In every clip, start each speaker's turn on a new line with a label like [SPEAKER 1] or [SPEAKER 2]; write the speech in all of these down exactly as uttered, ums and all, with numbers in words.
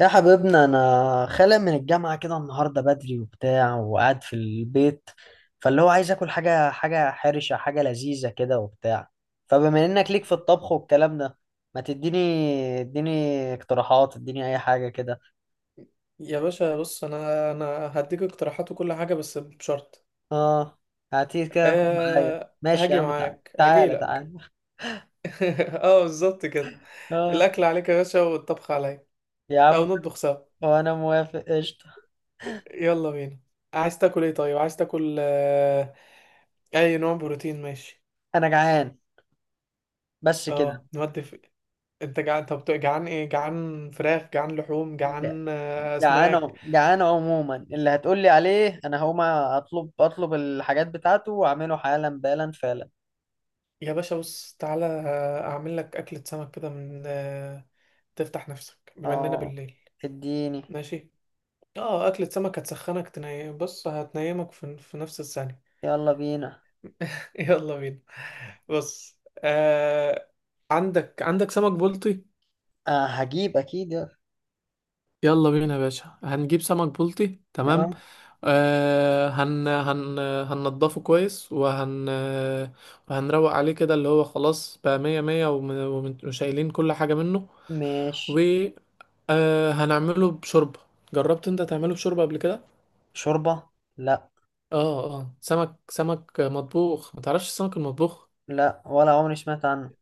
[SPEAKER 1] يا حبيبنا، انا خالق من الجامعه كده النهارده بدري وبتاع وقاعد في البيت. فاللي هو عايز اكل حاجه حاجه حرشه حاجه لذيذه كده وبتاع. فبما انك ليك في الطبخ والكلام ده، ما تديني، اديني اقتراحات، اديني اي حاجه كده.
[SPEAKER 2] يا باشا، بص، انا انا هديك اقتراحات وكل حاجه، بس بشرط.
[SPEAKER 1] اه، هاتيه كده، خد. معايا،
[SPEAKER 2] أه،
[SPEAKER 1] ماشي يا
[SPEAKER 2] هاجي
[SPEAKER 1] عم، تعالى
[SPEAKER 2] معاك، هاجي
[SPEAKER 1] تعالى
[SPEAKER 2] لك.
[SPEAKER 1] تعالى.
[SPEAKER 2] اه، بالظبط كده.
[SPEAKER 1] اه،
[SPEAKER 2] الاكل عليك يا باشا، والطبخ عليا.
[SPEAKER 1] يا عم.
[SPEAKER 2] او نطبخ سوا.
[SPEAKER 1] وانا موافق، قشطه.
[SPEAKER 2] يلا بينا. عايز تاكل ايه؟ طيب، عايز تاكل آه، اي نوع بروتين؟ ماشي.
[SPEAKER 1] انا جعان بس كده.
[SPEAKER 2] اه، نودي في... انت جعان؟ طب جعان ايه؟ جعان فراخ، جعان لحوم، جعان آه، اسماك؟
[SPEAKER 1] جعان جعان عموما، اللي هتقول لي عليه انا هقوم اطلب اطلب الحاجات بتاعته واعمله حالا بالا فعلا.
[SPEAKER 2] يا باشا، بص، تعالى، آه، اعمل لك اكلة سمك كده من آه، تفتح نفسك بما اننا
[SPEAKER 1] اه،
[SPEAKER 2] بالليل.
[SPEAKER 1] اديني.
[SPEAKER 2] ماشي. اه، اكلة سمك هتسخنك، تني بص، هتنيمك في, في نفس الثانية.
[SPEAKER 1] يلا بينا.
[SPEAKER 2] يلا بينا. بص، آه، عندك عندك سمك بلطي.
[SPEAKER 1] آه، هجيب اكيد، يلا.
[SPEAKER 2] يلا بينا يا باشا، هنجيب سمك بلطي، تمام.
[SPEAKER 1] نعم.
[SPEAKER 2] آه، هن هن هننضفه كويس، وهن وهنروق عليه كده، اللي هو خلاص بقى مية مية، وم- وم- وشايلين كل حاجة منه. و
[SPEAKER 1] ماشي.
[SPEAKER 2] آه هنعمله بشوربة. جربت انت تعمله بشوربة قبل كده؟
[SPEAKER 1] شوربة. لا
[SPEAKER 2] اه، اه، سمك سمك مطبوخ، ما تعرفش السمك المطبوخ؟
[SPEAKER 1] لا. ولا عمري سمعت عنه.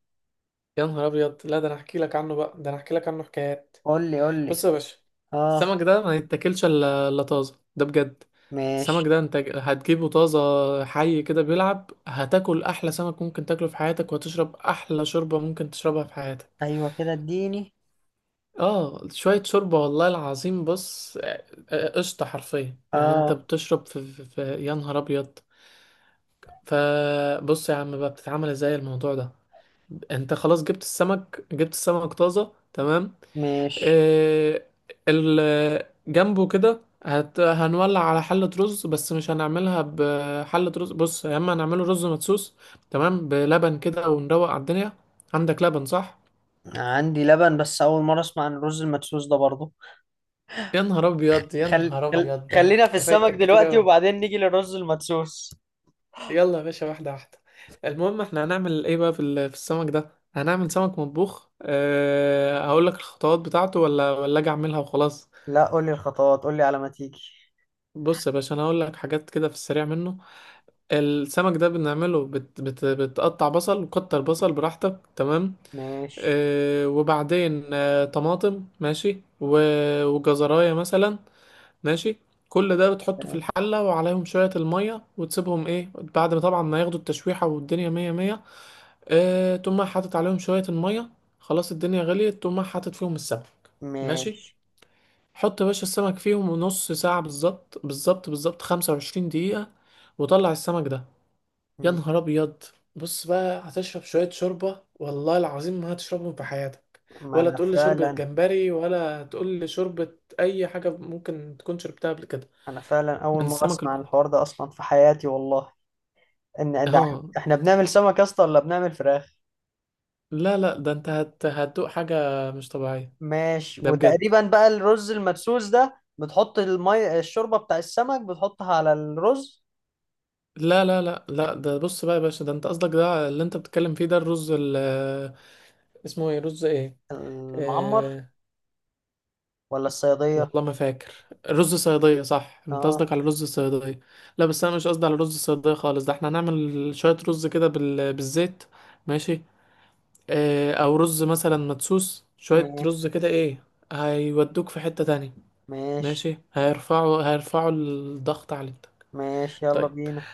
[SPEAKER 2] يا نهار ابيض! لا، ده انا احكي لك عنه بقى، ده انا احكي لك عنه حكايات.
[SPEAKER 1] قول لي قول لي.
[SPEAKER 2] بص يا باشا.
[SPEAKER 1] اه.
[SPEAKER 2] السمك ده ما يتاكلش الا إلا طازه، ده بجد.
[SPEAKER 1] ماشي.
[SPEAKER 2] السمك ده انت هتجيبه طازه. حي كده بيلعب، هتاكل احلى سمك ممكن تاكله في حياتك، وهتشرب احلى شوربه ممكن تشربها في حياتك.
[SPEAKER 1] ايوه كده، اديني.
[SPEAKER 2] اه، شويه شوربه، والله العظيم، بص، آه، آه، آه، قشطه، حرفيا يعني، انت
[SPEAKER 1] اه.
[SPEAKER 2] بتشرب في, في, في يا نهار ابيض! فبص يا عم، بقى بتتعمل ازاي الموضوع ده؟ انت خلاص جبت السمك، جبت السمك طازه، تمام.
[SPEAKER 1] ماشي.
[SPEAKER 2] إيه، ال- جنبه كده هت... هنولع على حلة رز، بس مش هنعملها بحلة رز، بص، يا اما هنعمله رز مدسوس. تمام، بلبن كده ونروق على الدنيا. عندك لبن، صح؟
[SPEAKER 1] عندي لبن، بس اول مرة اسمع عن الرز المدسوس ده برضه.
[SPEAKER 2] يا نهار ابيض، يا
[SPEAKER 1] خل...
[SPEAKER 2] نهار
[SPEAKER 1] خل...
[SPEAKER 2] ابيض! ده انت
[SPEAKER 1] خلينا في السمك
[SPEAKER 2] فايتك كتير
[SPEAKER 1] دلوقتي
[SPEAKER 2] اوي.
[SPEAKER 1] وبعدين نيجي للرز المدسوس.
[SPEAKER 2] يلا يا باشا، واحدة واحدة. المهم، احنا هنعمل ايه بقى في ال- في السمك ده؟ هنعمل سمك مطبوخ. أه، هقول لك الخطوات بتاعته، ولا ولا اجي اعملها وخلاص؟
[SPEAKER 1] لا، قول لي الخطوات، قول لي على ما تيجي.
[SPEAKER 2] بص يا باشا، انا هقول لك حاجات كده في السريع منه. السمك ده بنعمله، بت بت بتقطع بصل وكتر بصل براحتك، تمام.
[SPEAKER 1] ماشي.
[SPEAKER 2] آه، وبعدين آه، طماطم، ماشي، و- وجزراية مثلا. ماشي. كل ده بتحطه في الحلة، وعليهم شوية المية، وتسيبهم، ايه، بعد ما طبعا ما ياخدوا التشويحة والدنيا مية مية. آه، تقوم حاطط عليهم شوية المية. خلاص، الدنيا غليت، تقوم حاطط فيهم السمك. ماشي.
[SPEAKER 1] ماشي.
[SPEAKER 2] حط يا باشا السمك فيهم نص ساعة، بالظبط بالظبط بالظبط، خمسة وعشرين دقيقة. وطلع السمك ده. يا
[SPEAKER 1] م-
[SPEAKER 2] نهار ابيض! بص بقى، هتشرب شويه شوربه، والله العظيم ما هتشربهم في حياتك.
[SPEAKER 1] ما
[SPEAKER 2] ولا
[SPEAKER 1] انا
[SPEAKER 2] تقول لي شوربه
[SPEAKER 1] فعلا.
[SPEAKER 2] جمبري، ولا تقول لي شوربه. اي حاجه ممكن تكون شربتها قبل كده.
[SPEAKER 1] انا فعلا اول
[SPEAKER 2] من
[SPEAKER 1] مره
[SPEAKER 2] السمك
[SPEAKER 1] اسمع عن
[SPEAKER 2] البلطي.
[SPEAKER 1] الحوار ده اصلا في حياتي، والله. ان إن إح-
[SPEAKER 2] اه،
[SPEAKER 1] احنا بنعمل سمك يا اسطى ولا بنعمل فراخ؟
[SPEAKER 2] لا، لا، ده انت هت... هتدوق حاجه مش طبيعيه.
[SPEAKER 1] ماشي.
[SPEAKER 2] ده بجد.
[SPEAKER 1] وتقريبا بقى الرز المدسوس ده بتحط المي الشوربه بتاع السمك، بتحطها على الرز
[SPEAKER 2] لا، لا، لا، لا، ده بص بقى يا باشا، ده انت قصدك، ده اللي انت بتتكلم فيه، ده الرز ال... اسمه ايه، رز ايه؟
[SPEAKER 1] المعمر
[SPEAKER 2] آه،
[SPEAKER 1] ولا الصياديه.
[SPEAKER 2] والله ما فاكر. رز صيادية، صح؟ انت
[SPEAKER 1] اه.
[SPEAKER 2] قصدك على رز الصيادية. لا، بس انا مش قصدي على رز الصيادية خالص، ده احنا هنعمل شوية رز كده بال... بالزيت. ماشي. اه، او رز مثلا مدسوس، شوية
[SPEAKER 1] ماشي.
[SPEAKER 2] رز كده، ايه. هيودوك في حتة تانية.
[SPEAKER 1] ماشي.
[SPEAKER 2] ماشي، هيرفعوا هيرفعوا الضغط عليك.
[SPEAKER 1] ماشي. يلا
[SPEAKER 2] طيب.
[SPEAKER 1] بينا.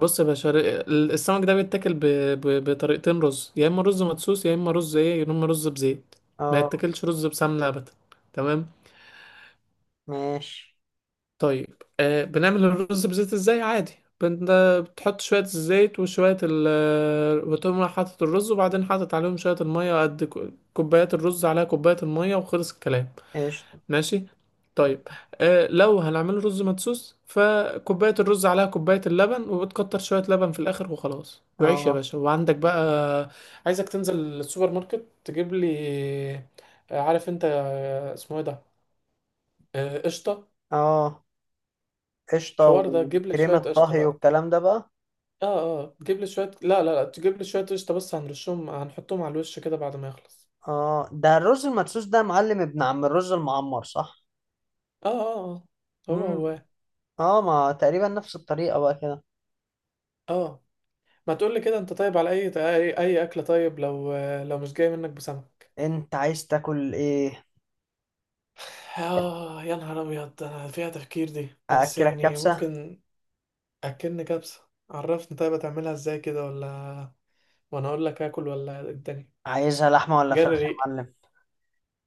[SPEAKER 2] بص يا باشا، ر- ال- السمك ده بيتاكل ب... ب... بطريقتين، رز يا اما رز مدسوس، يا اما رز ايه، يا اما رز بزيت. ما
[SPEAKER 1] اه.
[SPEAKER 2] يتاكلش رز بسمنة ابدا. تمام.
[SPEAKER 1] ماشي،
[SPEAKER 2] طيب، آه، بنعمل الرز بزيت ازاي؟ عادي. بن- آه، بتحط شوية الزيت وشوية ال بتقوم رايح حاطط الرز، وبعدين حاطط عليهم شوية المية، قد ك- كوبايات الرز عليها كوباية المية، وخلص الكلام.
[SPEAKER 1] قشطه.
[SPEAKER 2] ماشي. طيب. آه، لو هنعمل رز مدسوس، فكوباية الرز عليها كوباية اللبن، وبتكتر شوية لبن في الآخر وخلاص، وعيش يا
[SPEAKER 1] اه
[SPEAKER 2] باشا، وعندك بقى. عايزك تنزل السوبر ماركت، تجيب لي آه، عارف انت آه، اسمه ايه ده؟ آه، قشطة.
[SPEAKER 1] اه، قشطة
[SPEAKER 2] الحوار ده، جيب لي شوية
[SPEAKER 1] وكريمة
[SPEAKER 2] قشطة
[SPEAKER 1] طهي
[SPEAKER 2] بقى.
[SPEAKER 1] والكلام ده بقى.
[SPEAKER 2] اه، اه، تجيب لي شوية، لا، لا، لا، تجيب لي شوية قشطة بس، هنرشهم، هنحطهم على الوش كده بعد ما يخلص.
[SPEAKER 1] اه، ده الرز المدسوس ده معلم، ابن عم الرز المعمر، صح؟
[SPEAKER 2] اه، اه، اه، هو
[SPEAKER 1] مم.
[SPEAKER 2] هو.
[SPEAKER 1] اه، ما تقريبا نفس الطريقة بقى كده.
[SPEAKER 2] اه، ما تقول لي كده انت، طيب على اي اي اي اكلة، طيب لو لو مش جاي منك بسمك.
[SPEAKER 1] انت عايز تاكل ايه؟
[SPEAKER 2] اه، يا نهار ابيض، ده انا فيها تفكير دي، بس
[SPEAKER 1] أأكلك
[SPEAKER 2] يعني
[SPEAKER 1] كبسة؟
[SPEAKER 2] ممكن. اكلني كبسة، عرفني طيب هتعملها ازاي كده، ولا وانا اقول لك اكل، ولا إيه الدنيا؟
[SPEAKER 1] عايزها لحمة ولا
[SPEAKER 2] جري
[SPEAKER 1] فراخ يا
[SPEAKER 2] ريق.
[SPEAKER 1] معلم؟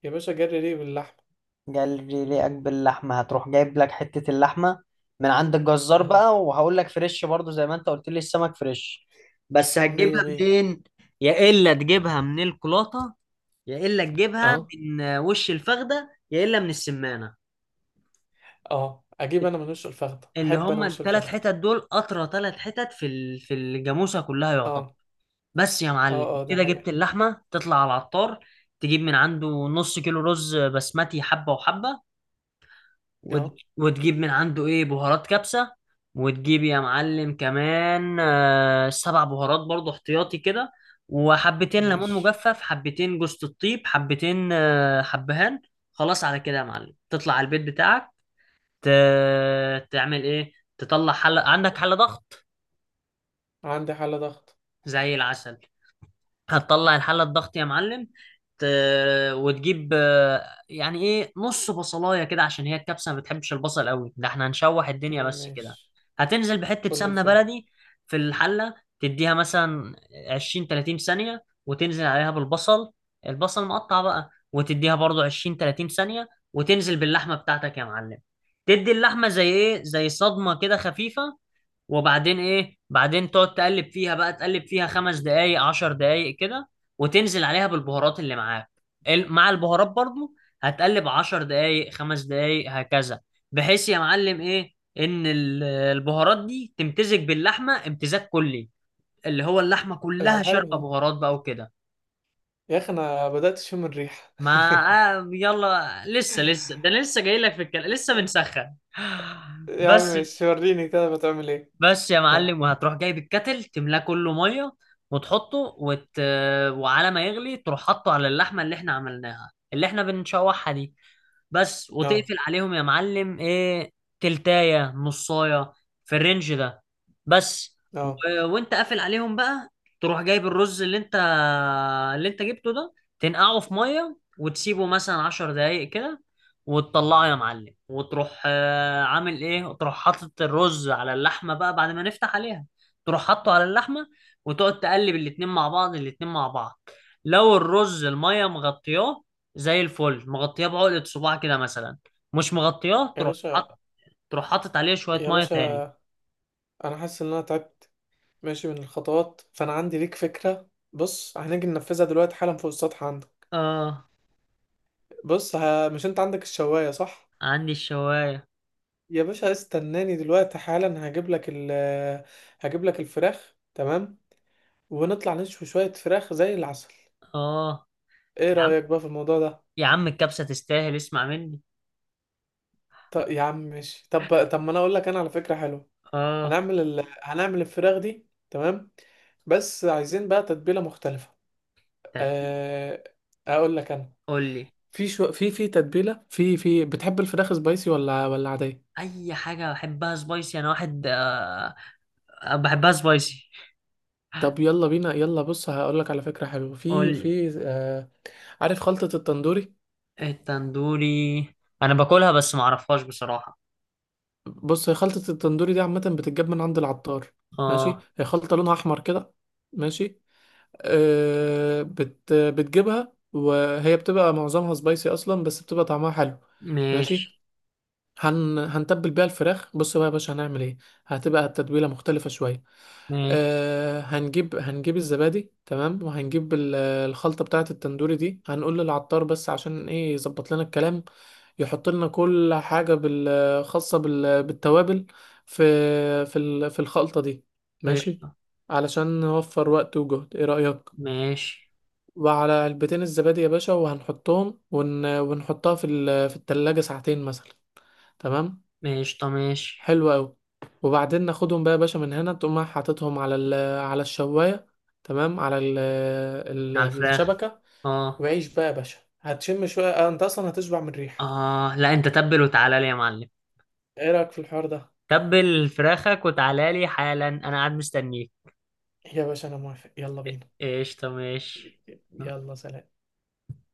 [SPEAKER 2] يا باشا، جري ريق باللحمة.
[SPEAKER 1] جالي ليك باللحمة. هتروح جايب لك حتة اللحمة من عند الجزار
[SPEAKER 2] اهو.
[SPEAKER 1] بقى، وهقول لك فريش برضو زي ما انت قلت لي السمك فريش. بس
[SPEAKER 2] مية
[SPEAKER 1] هتجيبها
[SPEAKER 2] مية.
[SPEAKER 1] منين؟ يا إلا تجيبها من الكولاطة، يا الا تجيبها
[SPEAKER 2] اه،
[SPEAKER 1] من وش الفخده، يا الا من السمانه.
[SPEAKER 2] اه، اجيب انا من وش الفخدة،
[SPEAKER 1] اللي
[SPEAKER 2] احب انا
[SPEAKER 1] هم
[SPEAKER 2] وش
[SPEAKER 1] الثلاث
[SPEAKER 2] الفخدة.
[SPEAKER 1] حتت دول اطرى ثلاث حتت في ال- في الجاموسه كلها يعتبر.
[SPEAKER 2] اه،
[SPEAKER 1] بس يا معلم
[SPEAKER 2] اه، اه، ده
[SPEAKER 1] كده، جبت
[SPEAKER 2] حقيقة.
[SPEAKER 1] اللحمه، تطلع على العطار، تجيب من عنده نص كيلو رز بسمتي، حبه وحبه. وت...
[SPEAKER 2] اه.
[SPEAKER 1] وتجيب من عنده ايه بهارات كبسة. وتجيب يا معلم كمان آه، سبع بهارات برضو احتياطي كده. وحبتين ليمون
[SPEAKER 2] ماشي.
[SPEAKER 1] مجفف، حبتين جوز الطيب، حبتين آه، حبهان. خلاص على كده يا معلم، تطلع على البيت بتاعك. ت... تعمل ايه؟ تطلع حلة، عندك حلة ضغط؟
[SPEAKER 2] عندي حالة ضغط.
[SPEAKER 1] زي العسل. هتطلع الحلة الضغط يا معلم. ت... وتجيب آه، يعني ايه نص بصلاية كده، عشان هي الكبسة ما بتحبش البصل قوي، ده احنا هنشوح
[SPEAKER 2] مم،
[SPEAKER 1] الدنيا بس كده.
[SPEAKER 2] ماشي.
[SPEAKER 1] هتنزل بحتة
[SPEAKER 2] كل
[SPEAKER 1] سمنة
[SPEAKER 2] الفل.
[SPEAKER 1] بلدي في الحلة. تديها مثلا عشرين ثلاثين ثانية، وتنزل عليها بالبصل. البصل مقطع بقى، وتديها برضو عشرين ثلاثين ثانية، وتنزل باللحمة بتاعتك يا معلم. تدي اللحمة زي ايه، زي صدمة كده خفيفة. وبعدين ايه، بعدين تقعد تقلب فيها بقى، تقلب فيها خمس دقايق عشر دقايق كده، وتنزل عليها بالبهارات اللي معاك. ال- مع البهارات برضو. هتقلب عشر دقايق، خمس دقايق، هكذا. بحيث يا معلم ايه ان ال- البهارات دي تمتزج باللحمة امتزاج كلي، اللي هو اللحمة
[SPEAKER 2] ده
[SPEAKER 1] كلها
[SPEAKER 2] حلو
[SPEAKER 1] شاربة
[SPEAKER 2] ده.
[SPEAKER 1] بهارات بقى وكده.
[SPEAKER 2] يا اخي، انا بدأت اشم الريحة.
[SPEAKER 1] ما آه يلا لسه لسه، ده أنا لسه جاي لك في الكلام، لسه بنسخن
[SPEAKER 2] يا عم،
[SPEAKER 1] بس.
[SPEAKER 2] ماشي، وريني كده بتعمل ايه.
[SPEAKER 1] بس يا
[SPEAKER 2] ها.
[SPEAKER 1] معلم، وهتروح جايب الكتل، تملاه كله ميه، وتحطه. وت... وعلى ما يغلي تروح حاطه على اللحمه اللي احنا عملناها، اللي احنا بنشوحها دي بس،
[SPEAKER 2] اه،
[SPEAKER 1] وتقفل عليهم يا معلم ايه، تلتاية نصاية، في الرينج ده بس. و...
[SPEAKER 2] اه.
[SPEAKER 1] وانت قافل عليهم بقى، تروح جايب الرز اللي انت، اللي انت جبته ده، تنقعه في ميه وتسيبه مثلا عشر دقايق كده، وتطلعه يا معلم، وتروح آه، عامل ايه، وتروح حاطط الرز على اللحمه بقى، بعد ما نفتح عليها، تروح حاطه على اللحمه، وتقعد تقلب الاتنين مع بعض، الاتنين مع بعض. لو الرز الميه مغطياه، زي الفل، مغطياه بعقدة صباع كده مثلا. مش مغطياه،
[SPEAKER 2] يا
[SPEAKER 1] تروح
[SPEAKER 2] باشا.
[SPEAKER 1] حاطط، تروح حاطط عليه شويه
[SPEAKER 2] يا
[SPEAKER 1] ميه تاني.
[SPEAKER 2] باشا، انا حاسس ان انا تعبت ماشي من الخطوات، فانا عندي ليك فكرة، بص، هنيجي ننفذها دلوقتي حالا فوق السطح عندك.
[SPEAKER 1] اه.
[SPEAKER 2] بص، ها، مش انت عندك الشواية، صح؟
[SPEAKER 1] عندي الشوايه.
[SPEAKER 2] يا باشا، استناني دلوقتي حالا، هجيب لك ال هجيب لك الفراخ، تمام. ونطلع نشوي شوية فراخ زي العسل.
[SPEAKER 1] اه،
[SPEAKER 2] ايه
[SPEAKER 1] يا عم،
[SPEAKER 2] رأيك بقى في الموضوع ده؟
[SPEAKER 1] يا عم الكبسه تستاهل، اسمع مني.
[SPEAKER 2] طب يا عم، ماشي، طب طب ما انا اقول لك انا على فكرة حلوة.
[SPEAKER 1] اه.
[SPEAKER 2] هنعمل ال... هنعمل الفراخ دي، تمام. بس عايزين بقى تتبيلة مختلفة.
[SPEAKER 1] تت-
[SPEAKER 2] أه... اقول لك انا.
[SPEAKER 1] قول لي.
[SPEAKER 2] في شو... في في تتبيلة، في في بتحب الفراخ سبايسي ولا ولا عادية؟
[SPEAKER 1] اي حاجه بحبها سبايسي، انا واحد آه، بحبها سبايسي.
[SPEAKER 2] طب يلا بينا، يلا، بص، هقول لك على فكرة حلوة. في
[SPEAKER 1] قول.
[SPEAKER 2] في أه... عارف خلطة التندوري؟
[SPEAKER 1] التندوري؟ انا باكلها بس ما اعرفهاش بصراحة.
[SPEAKER 2] بص، هي خلطة التندوري دي عامة بتتجاب من عند العطار. ماشي.
[SPEAKER 1] اه.
[SPEAKER 2] هي خلطة لونها احمر كده. ماشي. آه، بت بتجيبها، وهي بتبقى معظمها سبايسي اصلا، بس بتبقى طعمها حلو. ماشي.
[SPEAKER 1] ماشي.
[SPEAKER 2] هن هنتبل بيها الفراخ، بص بقى يا باشا هنعمل ايه. هتبقى التتبيله مختلفه شويه.
[SPEAKER 1] ماشي.
[SPEAKER 2] أه، هنجيب هنجيب الزبادي، تمام، وهنجيب ال- الخلطه بتاعه التندوري دي، هنقول للعطار بس عشان ايه؟ يظبط لنا الكلام. يحط لنا كل حاجه بال- خاصه بال- بالتوابل. في في ال- في الخلطه دي. ماشي. علشان نوفر وقت وجهد، ايه رايك؟
[SPEAKER 1] ماشي.
[SPEAKER 2] وعلى علبتين الزبادي يا باشا، وهنحطهم، ون... ونحطها في ال... في التلاجة ساعتين مثلا. تمام.
[SPEAKER 1] ماشي، طب ماشي.
[SPEAKER 2] حلو قوي. وبعدين ناخدهم بقى يا باشا من هنا، تقوم رايح حاططهم على ال... على الشواية. تمام، على ال... ال...
[SPEAKER 1] على الفراخ.
[SPEAKER 2] الشبكة.
[SPEAKER 1] اه.
[SPEAKER 2] وعيش بقى يا باشا، هتشم شوية، آه، انت اصلا هتشبع من الريحة.
[SPEAKER 1] اه، لا، انت تبل وتعالى لي يا معلم.
[SPEAKER 2] ايه رأيك في الحوار ده؟
[SPEAKER 1] تبل فراخك وتعالى لي حالا، انا قاعد مستنيك.
[SPEAKER 2] يا باشا، انا موافق، يلا بينا.
[SPEAKER 1] قشطة، ماشي.
[SPEAKER 2] يلا، سلام.